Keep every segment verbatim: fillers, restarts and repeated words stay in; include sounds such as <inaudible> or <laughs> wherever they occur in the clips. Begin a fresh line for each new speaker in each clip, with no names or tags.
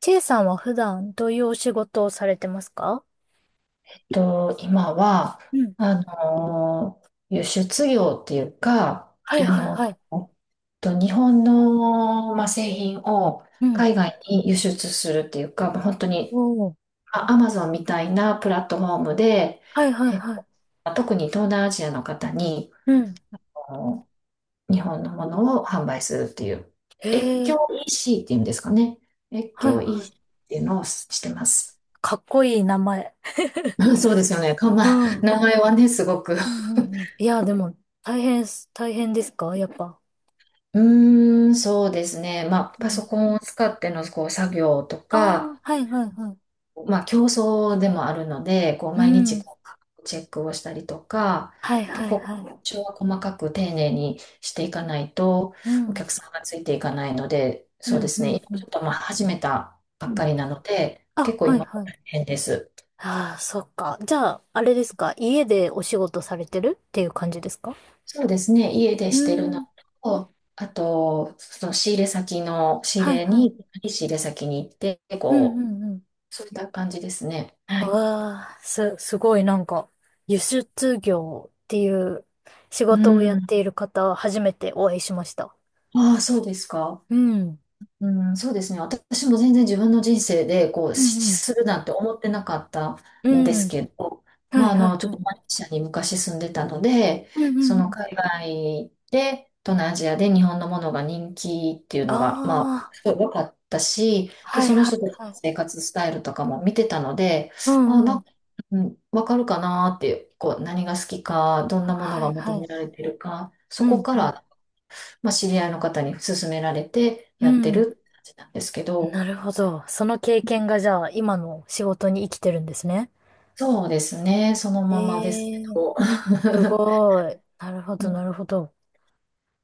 チェイさんは普段どういうお仕事をされてますか？
と、今は、
うん。
あの、輸出業っていうか、
はい
あ
はいは
の、
い。
と日本の、まあ、製品を
うん。
海外に輸出するっていうか、まあ、本当
お
に、
ー。
アマゾンみたいなプラットフォームで、
はいはい
えっ
は
と
い。
特に東南アジアの方に、
うん。
あの日本のものを販売するっていう、
へ
越境
え。
イーシー っていうんですかね。越
はい
境
はい。
イーシー っていうのをしてます。
かっこいい名前。
<laughs>
<laughs>
うん、そうですよね。か、ま
う
あ、
ん。うん
名前はね、すごく。
うんうん。いや、でも、大変す、大変ですかやっぱ？
うーん、そうですね。まあ、
う
パソ
ん。
コンを使ってのこう作業と
ああ、
か、
はいはいはい。
まあ、競争でもあるので、こう
う
毎日
ん。
こうチェックをしたりとか、
はいは
結
い
構、
はい。
調は細かく丁寧にしていかないと、
う
お
ん。
客さんがついていかないので、
う
そうで
んう
すね。
ん
今
う
ち
ん。
ょっとまあ始めたば
う
っ
ん。
かりなので、
あ、
結構
はい
今大
はい。
変です。
ああ、そっか。じゃあ、あれですか、家でお仕事されてるっていう感じですか？
そうですね。家で
う
してる
ー
の
ん。
と、あと、その仕入れ先の仕入
はい
れ
はい。
に、仕入れ先に行って、
うんう
こ
んうん。
う、そういった感じですね。はい。
ああ、す、すごいなんか、輸出業っていう仕
う
事をやっ
ん。
ている方、初めてお会いしました。
ああ、そうですか。
うん。
うん、そうですね。私も全然自分の人生で、こう、
う
し
んうん。
するなんて思ってなかった
う
んです
ん。
けど、
は
まあ、
い
あ
はい
の、ちょ
は
っと
い。
マレーシアに昔住んでたので、
うんうん
そ
う
の
ん。
海外で、東南アジアで日本のものが人気っていうのが、まあ、
ああ、
すごい分かったし、で、
はい
その
はい
人たち
は
の
い。
生活スタイルとかも見てたので、
う
あ、
んう
なん
ん。
か、うん、分かるかなっていう、こう、何が好きか、どんなもの
は
が
い
求
は
めら
い。
れてるか、そ
う
こ
ん
か
うん。
らまあ、知り合いの方に勧められて
う
やって
ん。
るって感じなんですけど、
なるほど。その経験がじゃあ、今の仕事に生きてるんですね。
そうですね、その
え
ままですけ
え、
ど。
す
<laughs>
ごい。なるほ
う
ど
ん、
なるほど。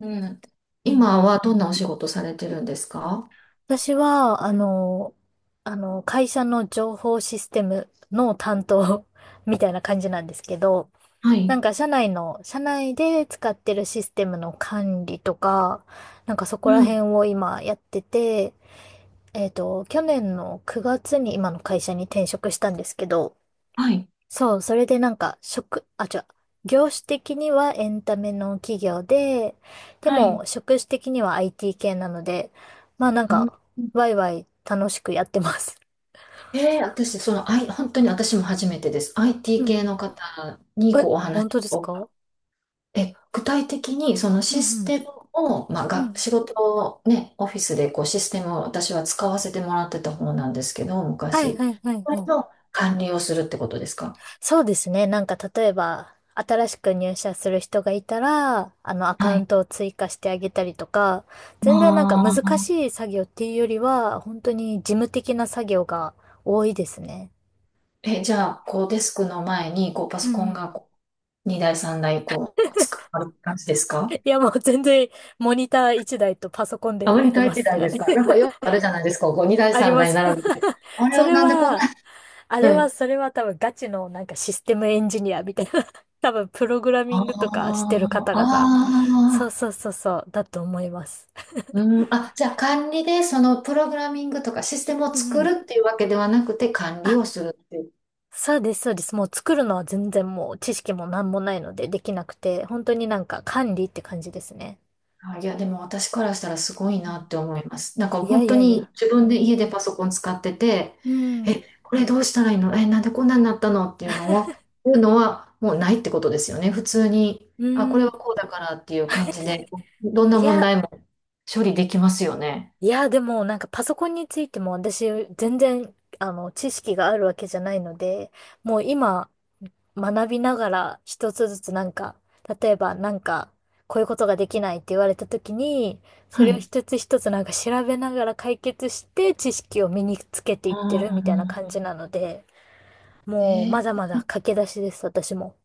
うん、
うん。
今はどんなお仕事されてるんですか？
私は、あの、あの、会社の情報システムの担当 <laughs> みたいな感じなんですけど、
は
な
い。
んか社内の、社内で使ってるシステムの管理とか、なんかそこ
う
ら
ん。
辺を今やってて、えっと、去年のくがつに今の会社に転職したんですけど、
はい。
そう、それでなんか、職、あ、違う、業種的にはエンタメの企業で、で
はい。
も、職種的には アイティー 系なので、まあなん
うん。
か、ワイワイ楽しくやってます。
えー、私、その、I、本当に私も初めてです。
う
アイティー 系
ん。
の方に
え、
こうお話
本当です
をお。
か？
え、具体的にその
う
シ
ん
ス
うん。
テムを、まあ、
う
が、
ん。
仕事をね、オフィスでこうシステムを私は使わせてもらってた方なんですけど、
はい
昔。
はいはい
それ
はい。
の管理をするってことですか？
そうですね。なんか、例えば、新しく入社する人がいたら、あの、アカ
は
ウン
い。
トを追加してあげたりとか、
ま
全然なんか難
あ、
しい作業っていうよりは、本当に事務的な作業が多いですね。
え、じゃあ、こうデスクの前にこうパ
う
ソコ
ん
ン
うん。
がこうにだいさんだいこう使われる感じですか？
いや、もう全然、モニター一台とパソコン
ア
で
メ
やっ
リ
て
カ
ま
1
す。
台で
<laughs>
すか？なんかよくあるじゃないですか、こうにだい
あり
3
ま
台
す。
並べて。
<laughs>
あれ
そ
は
れ
なんでこんな。
は、あ
う
れは、
ん。
それは多分ガチのなんかシステムエンジニアみたいな。<laughs> 多分プログラミングとかしてる
あ
方々。
あ、
そう
ああ。
そうそうそう、だと思います。
うん、あ、じゃあ管理でそのプログラミングとかシステムを
うんう
作
ん。
るっていうわけではなくて管理
あ、
をするっていう。
そうです、そうです。もう作るのは全然もう知識もなんもないのでできなくて、本当になんか管理って感じですね。
あ、いや、でも私からしたらすご
う
い
ん。
なって思います。なんか
いや
本
い
当
やい
に
や。
自
う
分で
ん。
家でパソコン使ってて、
うん。
え、これどうしたらいいの、え、なんでこんなになったのっていうのを、いうのはもうないってことですよね。普通に、
う
あ、これは
ん。
こうだからっていう感じで、どんな
い
問
や、
題も処理できますよね。
いや、でもなんかパソコンについても私全然あの知識があるわけじゃないので、もう今学びながら一つずつなんか、例えばなんかこういうことができないって言われた時に、そ
は
れを
い。
一つ一つなんか調べながら解決して知識を身につけてい
あ
ってるみたいな感
あ、
じなので、もう
え
まだ
ー
まだ駆け出しです、私も。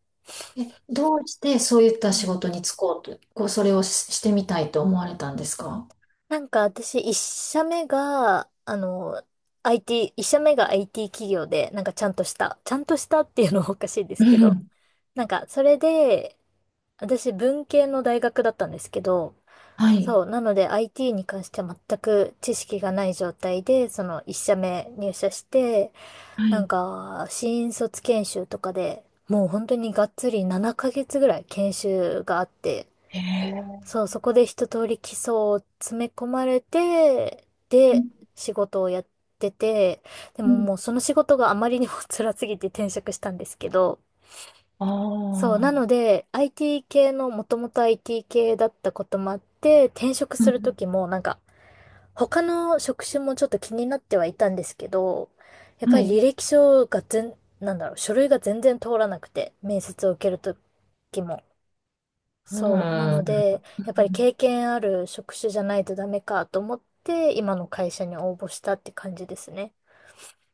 え、どうしてそういった
う
仕
ん。
事に就こうと、こう、それをし、してみたいと思われたんですか？
なんか私、一社目が、あの、アイティー、一社目が アイティー 企業で、なんかちゃんとした、ちゃんとしたっていうのは <laughs> おかしいで
う
すけど、
ん。
なんかそれで、私文系の大学だったんですけど、
はい。
そう、なので アイティー に関しては全く知識がない状態で、その一社目入社して、
は
なん
い。
か新卒研修とかでもう本当にがっつりななかげつぐらい研修があって、
へえ。
そう、そこで一通り基礎を詰め込まれて、
う
で、
ん。
仕事をやってて、で
う
も
ん。
もうその仕事があまりにも <laughs> 辛すぎて転職したんですけど、そう、なの
ああ、
で、アイティー 系の、もともと アイティー 系だったこともあって、転職
う
すると
ん、
きも、なんか、他の職種もちょっと気になってはいたんですけど、やっぱ
は
り
い。
履歴書が全、なんだろう、書類が全然通らなくて、面接を受けるときも。そう。なので、やっぱり経験ある職種じゃないとダメかと思って、今の会社に応募したって感じですね。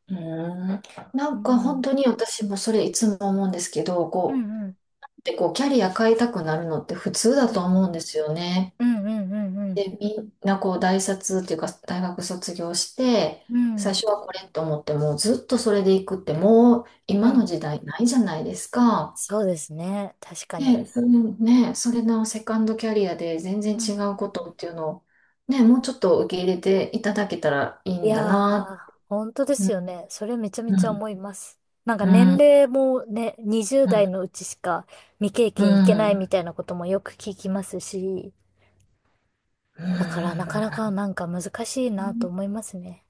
うん。うん、な
う
んか本
ん。
当に私もそれいつも思うんですけど、
う
こ
んうん。
う、で、こう、キャリア変えたくなるのって普通
う
だと
ん。
思うんですよね。
うんうんうんうん。
で、みんなこう大卒っていうか大学卒業して、
う
最
ん。
初はこれと思ってもずっとそれで行くってもう
う
今
ん。
の時代ないじゃないですか。
そうですね。確か
ね、
に。
それ、ね、それのセカンドキャリアで全然
う
違
ん。
うことっていうのを、ね、もうちょっと受け入れていただけたらいい
い
んだ
やー、
な。
本当で
う
す
ん、
よね。それめちゃめ
う
ちゃ
ん、
思います。なんか
う
年
ん、
齢もね、
う
にじゅうだい代
ん、
のうちしか未経
う
験いけない
ん。
みたいなこともよく聞きますし、だからな
う
かなかなんか難しいなと
ん。
思いますね。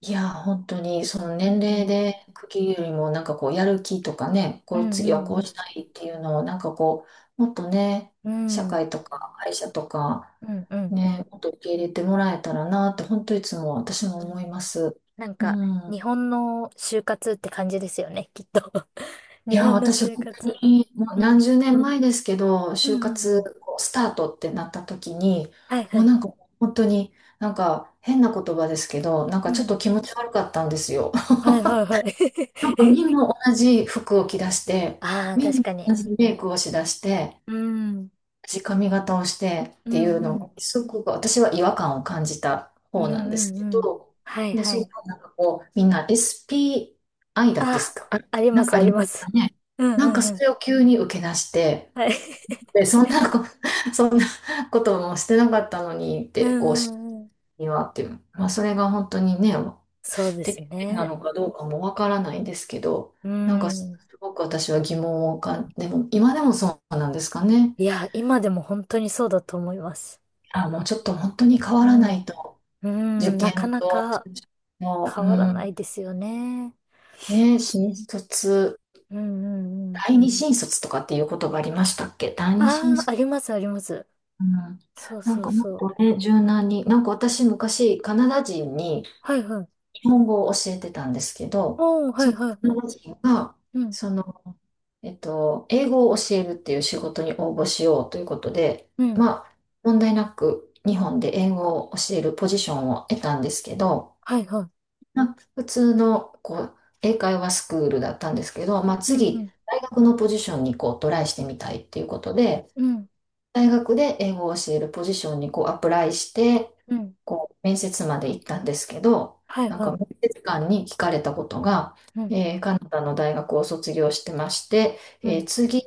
いや、本当に、その
う
年齢
ん。
で区切るよりも、なんかこう、やる気とかね、
う
こう、
んう
次はこう
んう
し
ん。
たいっていうのを、なんかこう、もっとね、
う
社
ん
会とか会社とか、
うんうん
ね、もっと受け入れてもらえたらなって、本当いつも私も
う
思い
ん。
ます。
なん
う
か、
ん。
日本の就活って感じですよね、きっと。<laughs>
い
日
や、
本の
私、
就
本
活。
当に、もう
う
何
ん。
十年前ですけど、
う
就
んうんう
活、
ん。
こうスタートってなった時に、
はいは
もう
い。
なんか、本当に、なんか、変な言葉ですけど、なん
う
かちょっ
ん。
と気持ち悪かったんですよ。
はいはいはい。
なん
<laughs>
か
え、
みんな同じ服を着出して、
ああ、
みん
確
な
かに。
同じメイクをしだして、
うん。
同じ髪型をしてっ
う
て
ん
いうの
うん。
を、すごく私は違和感を感じた
うん
方なんで
う
すけ
んうん。
ど、
はい
で、
は
そう
い。
なんかこう、みんな エスピーアイ だってです
あ、
か？あ、
あり
な
ま
ん
す
かあ
あ
り
り
ま
ま
すか
す。
ね。
うんう
なんか
んう
そ
ん。
れを急に受け出して、
はい。
で、そんなこ、<laughs> そんなこともしてなかったのにっ
<laughs> うん
て、こう、
うんうん。
にはっていう。まあ、それが本当にね、
そうです
適正な
ね。
のかどうかもわからないんですけど、
う
なんかす
ん。
ごく私は疑問をかん、でも今でもそうなんですかね。
いや、今でも本当にそうだと思います。
あ、もうちょっと本当に変わ
う
らな
ん。
いと、
う
受
ん、なか
験
な
と、
か
もう、
変
う
わら
ん、
ないですよね。
ね、新卒、
うんうんうん。
第二新卒とかっていう言葉ありましたっけ？第二新
ああ、
卒。
ありますあります。
うん、
そう
なん
そう
かもっ
そう。
とね、柔軟に、なんか私昔カナダ人に
はいはい。
日本語を教えてたんですけど、
おー、は
そ
い
の
はい
カ
は
ナ
い。
ダ人が、
うん、
そのえっと、英語を教えるっていう仕事に応募しようということで、
うん。
まあ、問題なく日本で英語を教えるポジションを得たんですけど、
はいはい。
まあ、普通のこう英会話スクールだったんですけど、まあ、
うんう
次、
ん、
大学のポジションにこうトライしてみたいっていうことで、
うん、
大学で英語を教えるポジションにこうアプライして、
うん。
こう面接まで行ったんですけど、
はい
なん
は
か
い。
面接官に聞かれたことが、
うん、
えーカナダの大学を卒業してまして、
う
え
ん。
ー次、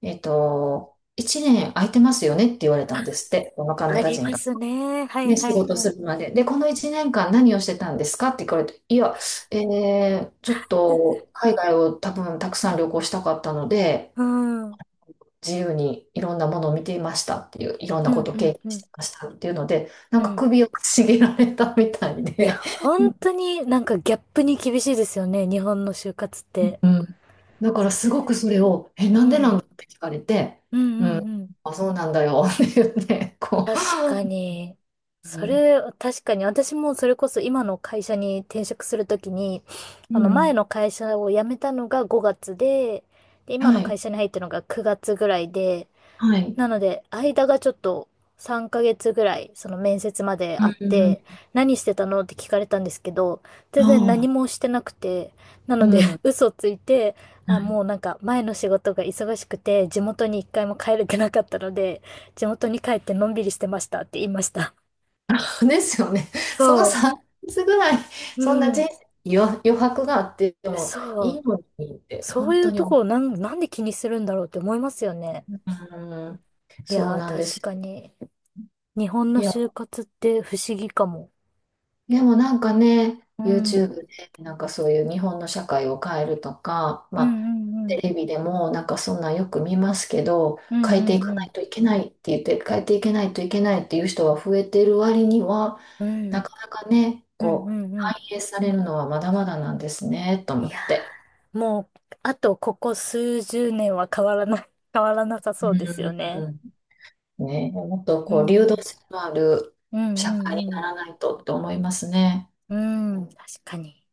えっと、いちねん空いてますよねって言われたんですって、このカ
あ
ナダ
り
人
ま
が。
すね。はい
ね、仕
はい
事
は
す
い。
るまで。で、このいちねんかん何をしてたんですかって聞かれて、いや、えーちょっと海外を多分たくさん旅行したかったので、
うん、うん
自由にいろんなものを見ていましたっていう、いろんな
う
こ
ん
とを
う
経験し
ん、
てましたっていうので、なん
う
か
ん。
首をかしげられたみたい
いや、
で、う
本
ん、
当になんかギャップに厳しいですよね。日本の就活って。
だか
そ
らすご
れ、
くそれを、え、
う
なん
ん、う
でな
ん
んだって聞かれて、
う
う
ん
ん、
うん。
あ、そうなんだよって言って、こ
確かに。
う、う
そ
ん、
れ、確かに。私もそれこそ今の会社に転職するときに、
う
あの前
ん、
の会社を辞めたのがごがつで、で、今の
は
会
い、
社に入ったのがくがつぐらいで、
はい、
なので、間がちょっとさんかげつぐらい、その面接まで
う
あっ
ん、
て、何してたのって聞かれたんですけど、全然
あ
何
あ、
もしてなくて、なの
う
で、
ん。
<laughs> 嘘ついて、
は
あ、もうなんか前の仕事が忙しくて、地元に一回も帰れてなかったので、地元に帰ってのんびりしてましたって言いました。
いですよね。その
そう。
さんかげつぐらい、
う
そんな人
ん。
生に余、余白があっても
そ
い
う。
いのにって、
そう
本
い
当
う
に
と
思
ころなん、なんで気にするんだろうって思いますよね。
う。ん、
い
そう
やー、
なんで
確
す。
かに。日本
い
の
や、
就活って不思議かも。
でもなんかね、
うん。
YouTube でなんかそういう日本の社会を変えるとか、
う
ま
ん
あ、
うんう
テ
ん。
レビでもなんかそんなんよく見ますけど、
うん
変
う
えてい
ん
か
う
ない
ん。
といけないって言って、変えていけないといけないっていう人は増えてる割には、
う
な
ん
かなかね、
うんう
こう、
んう
反
ん。
映されるのはまだまだなんですね、と思
いや
って。
ー、もう、あとここ数十年は変わらない、<laughs> 変わらなさ
う
そうですよね。
ん、ね、もっと
う
こう、流動
ん。
性のある
うんう
社会に
ん
な
う
らないとって思いますね。
ん。うん、確かに。